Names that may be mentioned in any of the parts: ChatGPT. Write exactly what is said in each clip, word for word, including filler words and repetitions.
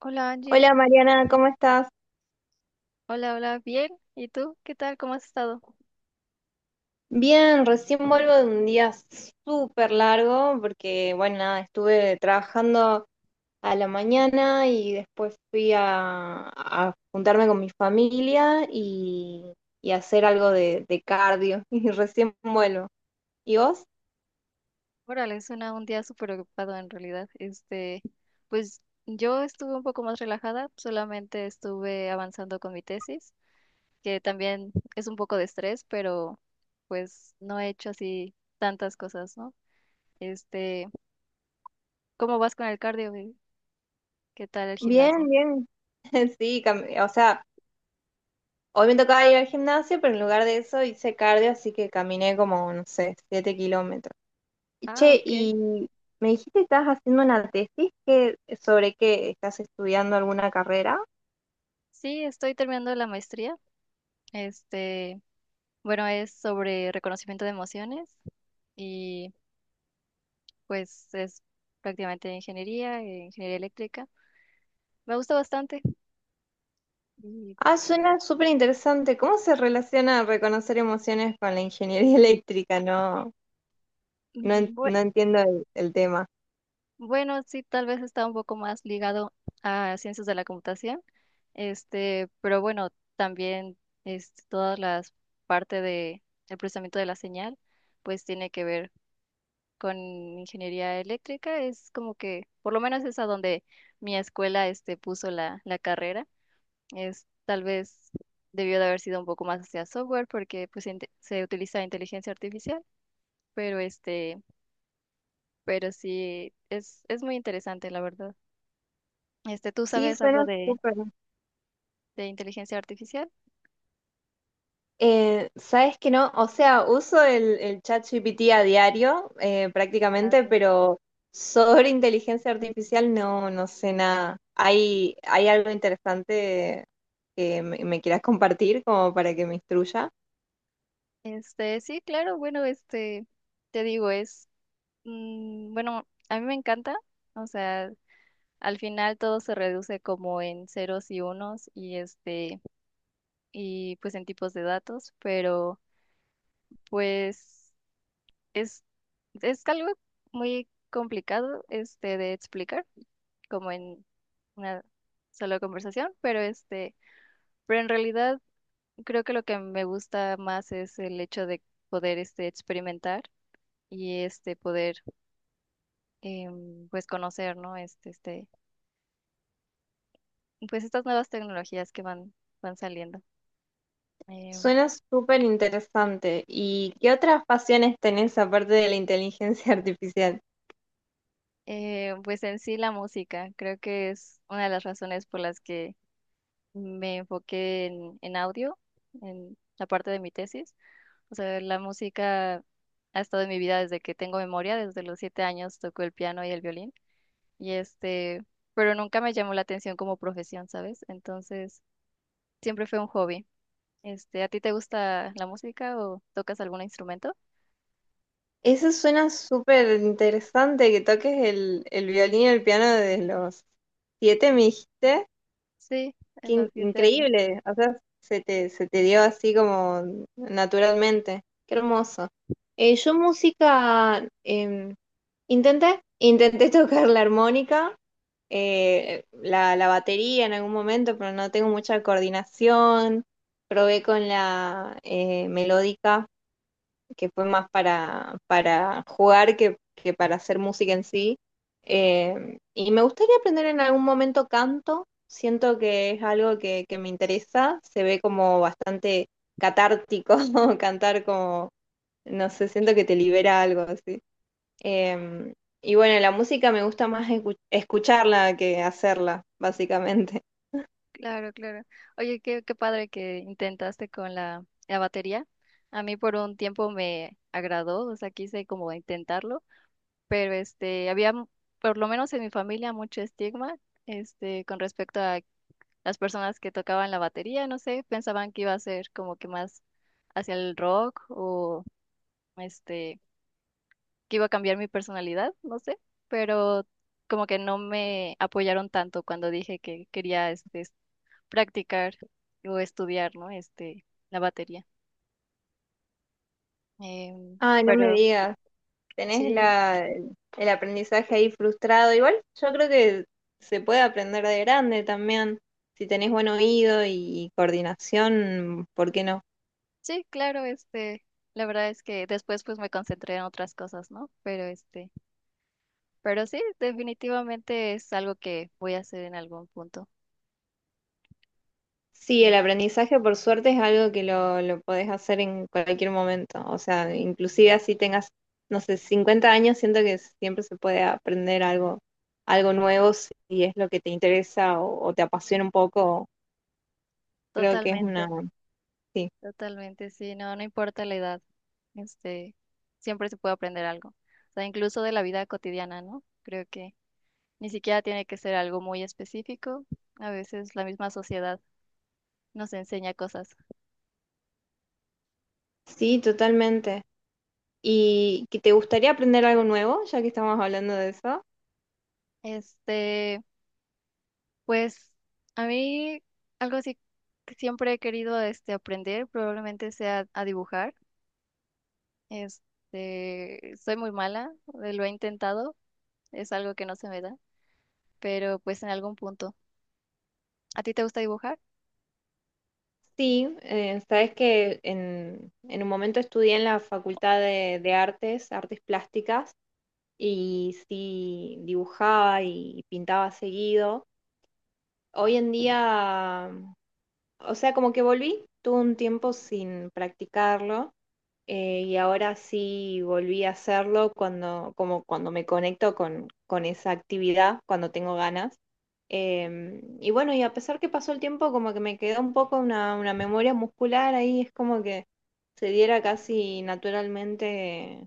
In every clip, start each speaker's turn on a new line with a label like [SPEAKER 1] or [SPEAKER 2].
[SPEAKER 1] Hola Angie,
[SPEAKER 2] Hola
[SPEAKER 1] ¿cómo-
[SPEAKER 2] Mariana, ¿cómo estás?
[SPEAKER 1] Hola, hola, bien. ¿Y tú? ¿Qué tal? ¿Cómo has estado?
[SPEAKER 2] Bien, recién vuelvo de un día súper largo porque, bueno, nada, estuve trabajando a la mañana y después fui a, a juntarme con mi familia y, y hacer algo de, de cardio y recién vuelvo. ¿Y vos?
[SPEAKER 1] Órale, suena un día súper ocupado en realidad. Este, pues yo estuve un poco más relajada, solamente estuve avanzando con mi tesis, que también es un poco de estrés, pero pues no he hecho así tantas cosas, ¿no? Este, ¿cómo vas con el cardio? Y ¿qué tal el
[SPEAKER 2] Bien,
[SPEAKER 1] gimnasio?
[SPEAKER 2] bien. Sí, cam- o sea, hoy me tocaba ir al gimnasio, pero en lugar de eso hice cardio, así que caminé como, no sé, siete kilómetros.
[SPEAKER 1] Ah,
[SPEAKER 2] Che,
[SPEAKER 1] ok.
[SPEAKER 2] y me dijiste que estás haciendo una tesis que, sobre qué estás estudiando alguna carrera.
[SPEAKER 1] Sí, estoy terminando la maestría. Este, bueno, es sobre reconocimiento de emociones. Y pues es prácticamente de ingeniería, eh, ingeniería eléctrica. Me gusta bastante. Y,
[SPEAKER 2] Ah, suena súper interesante. ¿Cómo se relaciona reconocer emociones con la ingeniería eléctrica? No, no, en-
[SPEAKER 1] mm, bue-
[SPEAKER 2] no entiendo el, el tema.
[SPEAKER 1] bueno, sí, tal vez está un poco más ligado a ciencias de la computación, este, pero bueno, también este, todas las partes de el procesamiento de la señal, pues tiene que ver con ingeniería eléctrica. Es como que, por lo menos es a donde mi escuela este, puso la, la carrera. Es tal vez debió de haber sido un poco más hacia software porque pues inte- se utiliza inteligencia artificial, pero este, pero sí es es muy interesante la verdad. Este, ¿tú
[SPEAKER 2] Sí,
[SPEAKER 1] sabes algo
[SPEAKER 2] suena
[SPEAKER 1] de
[SPEAKER 2] súper.
[SPEAKER 1] de inteligencia artificial?
[SPEAKER 2] Eh, ¿sabes que no? O sea, uso el, el ChatGPT a diario, eh,
[SPEAKER 1] Ah,
[SPEAKER 2] prácticamente,
[SPEAKER 1] okay.
[SPEAKER 2] pero sobre inteligencia artificial no, no sé nada. ¿Hay, hay algo interesante que me, me quieras compartir como para que me instruya?
[SPEAKER 1] Este, sí, claro, bueno, este te digo es mm, bueno, a mí me encanta, o sea, al final todo se reduce como en ceros y unos y este y pues en tipos de datos, pero pues Es, es algo muy complicado este, de explicar, como en una sola conversación, pero este, pero en realidad creo que lo que me gusta más es el hecho de poder este, experimentar y este poder em, pues conocer, ¿no? Este, este, pues estas nuevas tecnologías que van, van saliendo. Em,
[SPEAKER 2] Suena súper interesante. ¿Y qué otras pasiones tenés aparte de la inteligencia artificial?
[SPEAKER 1] eh, pues en sí la música, creo que es una de las razones por las que me enfoqué en, en audio, en la parte de mi tesis. O sea, la música ha estado en mi vida desde que tengo memoria, desde los siete años toco el piano y el violín. Y este, pero nunca me llamó la atención como profesión, ¿sabes? Entonces, siempre fue un hobby. Este, ¿a ti te gusta la música o tocas algún instrumento?
[SPEAKER 2] Eso suena súper interesante, que toques el, el, violín y el piano desde los siete, me dijiste.
[SPEAKER 1] Sí,
[SPEAKER 2] Qué
[SPEAKER 1] en los
[SPEAKER 2] in-
[SPEAKER 1] siete años.
[SPEAKER 2] increíble, o sea, se te, se te, dio así como naturalmente. Qué hermoso. Eh, yo música, em, intenté, intenté, tocar la armónica, eh, la, la batería en algún momento, pero no tengo mucha coordinación. Probé con la eh, melódica, que fue más para, para, jugar que, que para hacer música en sí. Eh, y me gustaría aprender en algún momento canto, siento que es algo que, que me interesa, se ve como bastante catártico cantar como, no sé, siento que te libera algo así. Eh, y bueno, la música me gusta más escu- escucharla que hacerla, básicamente.
[SPEAKER 1] Claro, claro. Oye, qué, qué padre que intentaste con la, la batería. A mí por un tiempo me agradó, o sea, quise como intentarlo, pero este, había, mu- por lo menos en mi familia, mucho estigma, este, con respecto a las personas que tocaban la batería, no sé, pensaban que iba a ser como que más hacia el rock o, este, que iba a cambiar mi personalidad, no sé, pero como que no me apoyaron tanto cuando dije que quería, este, es- practicar o estudiar, ¿no? Este, la batería. Em,
[SPEAKER 2] Ay, no me
[SPEAKER 1] pero
[SPEAKER 2] digas. Tenés
[SPEAKER 1] sí.
[SPEAKER 2] la, el aprendizaje ahí frustrado. Igual yo creo que se puede aprender de grande también. Si tenés buen oído y coordinación, ¿por qué no?
[SPEAKER 1] Sí, claro, este, la verdad es que después pues me concentré en otras cosas, ¿no? Pero este, pero sí, definitivamente es algo que voy a hacer en algún punto.
[SPEAKER 2] Sí,
[SPEAKER 1] Eh,
[SPEAKER 2] el aprendizaje por suerte es algo que lo, lo, podés hacer en cualquier momento. O sea, inclusive así tengas, no sé, cincuenta años, siento que siempre se puede aprender algo, algo nuevo si es lo que te interesa o, o te apasiona un poco. Creo que es una.
[SPEAKER 1] totalmente,
[SPEAKER 2] Sí,
[SPEAKER 1] totalmente, sí, no, no importa la edad, este, siempre se puede aprender algo. O sea, incluso de la vida cotidiana, ¿no? Creo que ni siquiera tiene que ser algo muy específico. A veces la misma sociedad nos enseña cosas.
[SPEAKER 2] sí, totalmente. ¿Y que te gustaría aprender algo nuevo, ya que estamos hablando de eso?
[SPEAKER 1] Este, Pues a mí algo así que siempre he querido este, aprender probablemente sea a dibujar. Este, soy muy mala, eh, lo he intentado, es algo que no se me da, pero pues en algún punto. ¿A ti te gusta dibujar?
[SPEAKER 2] Sí, eh, sabes que en, en, un momento estudié en la Facultad de, de, Artes, Artes Plásticas, y sí dibujaba y pintaba seguido. Hoy en día, o sea, como que volví, tuve un tiempo sin practicarlo eh, y ahora sí volví a hacerlo cuando, como cuando me conecto con, con, esa actividad, cuando tengo ganas. Em, y bueno, y a pesar que pasó el tiempo, como que me quedó un poco una, una, memoria muscular ahí, es como que se diera casi naturalmente,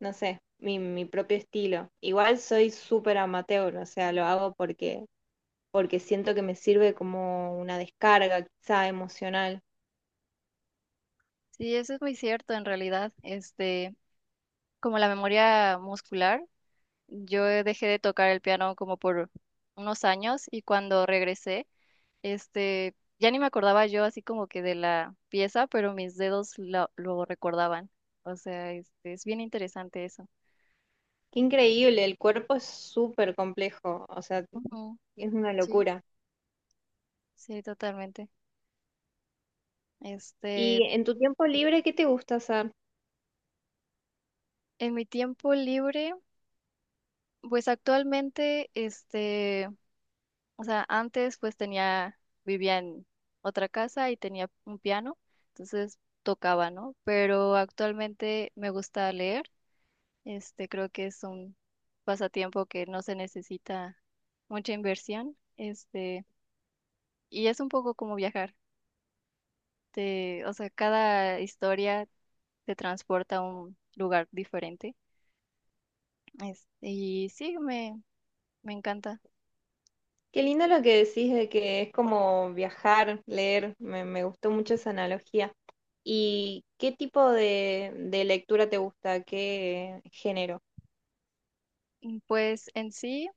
[SPEAKER 2] no sé, mi, mi, propio estilo. Igual soy súper amateur, o sea, lo hago porque, porque siento que me sirve como una descarga quizá emocional.
[SPEAKER 1] Sí, eso es muy cierto en realidad. Este, como la memoria muscular, yo dejé de tocar el piano como por unos años y cuando regresé, Este, ya ni me acordaba yo así como que de la pieza, pero mis dedos lo, lo recordaban. O sea, este, es bien interesante eso.
[SPEAKER 2] Qué increíble, el cuerpo es súper complejo, o sea,
[SPEAKER 1] Ujú.
[SPEAKER 2] es una
[SPEAKER 1] Sí,
[SPEAKER 2] locura.
[SPEAKER 1] sí, totalmente.
[SPEAKER 2] Y
[SPEAKER 1] Este,
[SPEAKER 2] en tu tiempo libre, ¿qué te gusta hacer?
[SPEAKER 1] en mi tiempo libre, pues actualmente, este, o sea, antes pues tenía, vivía en otra casa y tenía un piano, entonces tocaba, ¿no? Pero actualmente me gusta leer. Este, creo que es un pasatiempo que no se necesita mucha inversión. Este, y es un poco como viajar. Te, o sea, cada historia te transporta a un lugar diferente. Este, y sí, me, me encanta.
[SPEAKER 2] Qué lindo lo que decís de que es como viajar, leer. Me, me, gustó mucho esa analogía. ¿Y qué tipo de, de lectura te gusta? ¿Qué género?
[SPEAKER 1] Mm, Pues en sí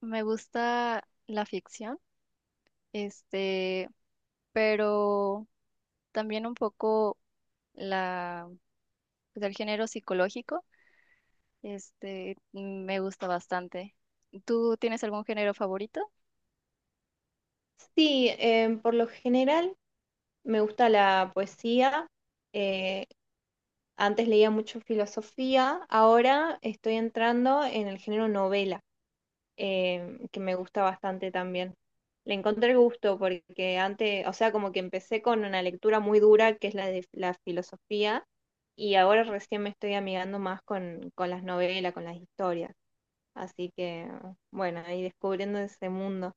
[SPEAKER 1] me gusta la ficción, este, pero también un poco la, pues, el género psicológico. Este, me gusta bastante. ¿Tú tienes algún género favorito?
[SPEAKER 2] Sí, eh, por lo general me gusta la poesía. Eh, antes leía mucho filosofía. Ahora estoy entrando en el género novela. Eh, que me gusta bastante también. Le encontré gusto porque antes, o sea, como que empecé con una lectura muy dura, que es la de la filosofía, y ahora recién me estoy amigando más con, con, las novelas, con las historias. Así que, bueno, ahí descubriendo ese mundo.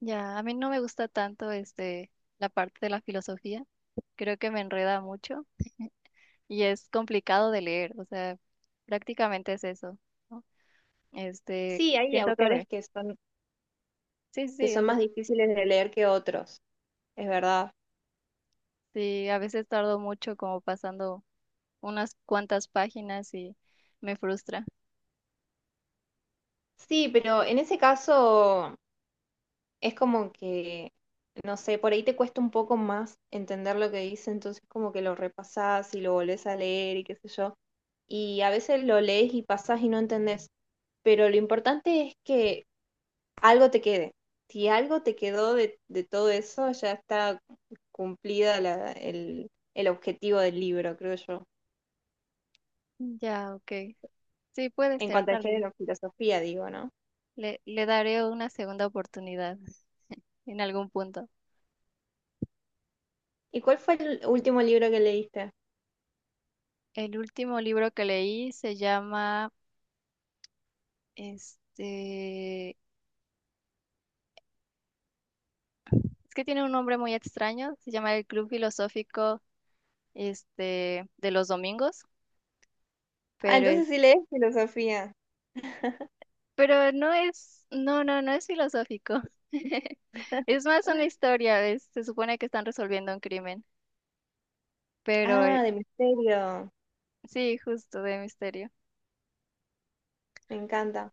[SPEAKER 1] Ya, a mí no me gusta tanto este la parte de la filosofía. Creo que me enreda mucho y es complicado de leer, o sea, prácticamente es eso, ¿no? Este,
[SPEAKER 2] Sí, hay
[SPEAKER 1] siento que
[SPEAKER 2] autores
[SPEAKER 1] me...
[SPEAKER 2] que son,
[SPEAKER 1] Sí, sí,
[SPEAKER 2] que
[SPEAKER 1] sí, o
[SPEAKER 2] son
[SPEAKER 1] sea,
[SPEAKER 2] más difíciles de leer que otros, es verdad.
[SPEAKER 1] sí, a veces tardo mucho como pasando unas cuantas páginas y me frustra.
[SPEAKER 2] Sí, pero en ese caso es como que, no sé, por ahí te cuesta un poco más entender lo que dice, entonces como que lo repasás y lo volvés a leer y qué sé yo. Y a veces lo lees y pasás y no entendés, pero lo importante es que algo te quede. Si algo te quedó de, de, todo eso, ya está cumplida la- el, el objetivo del libro, creo yo.
[SPEAKER 1] Ya, ok. Sí, puede
[SPEAKER 2] En
[SPEAKER 1] ser,
[SPEAKER 2] cuanto al
[SPEAKER 1] tal vez.
[SPEAKER 2] género, filosofía, digo, ¿no?
[SPEAKER 1] Le, le daré una segunda oportunidad en algún punto.
[SPEAKER 2] ¿Y cuál fue el último libro que leíste?
[SPEAKER 1] El último libro que leí se llama, este, es que tiene un nombre muy extraño, se llama El Club Filosófico, este, de los domingos,
[SPEAKER 2] Ah,
[SPEAKER 1] pero es,
[SPEAKER 2] entonces sí lees filosofía.
[SPEAKER 1] pero no es, no, no, no es filosófico. Es más una historia, es- se supone que están resolviendo un crimen, pero eh,
[SPEAKER 2] Ah, de misterio.
[SPEAKER 1] sí, justo de misterio.
[SPEAKER 2] Me encanta.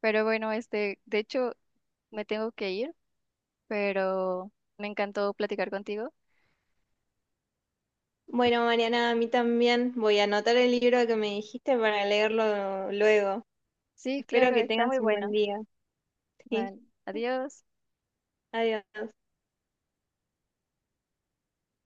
[SPEAKER 1] Pero bueno, este, de hecho, me tengo que ir, pero me encantó platicar contigo.
[SPEAKER 2] Bueno, Mariana, a mí también voy a anotar el libro que me dijiste para leerlo luego.
[SPEAKER 1] Sí,
[SPEAKER 2] Espero
[SPEAKER 1] claro,
[SPEAKER 2] que
[SPEAKER 1] está muy
[SPEAKER 2] tengas un buen
[SPEAKER 1] bueno.
[SPEAKER 2] día. Sí,
[SPEAKER 1] Vale, adiós.
[SPEAKER 2] adiós.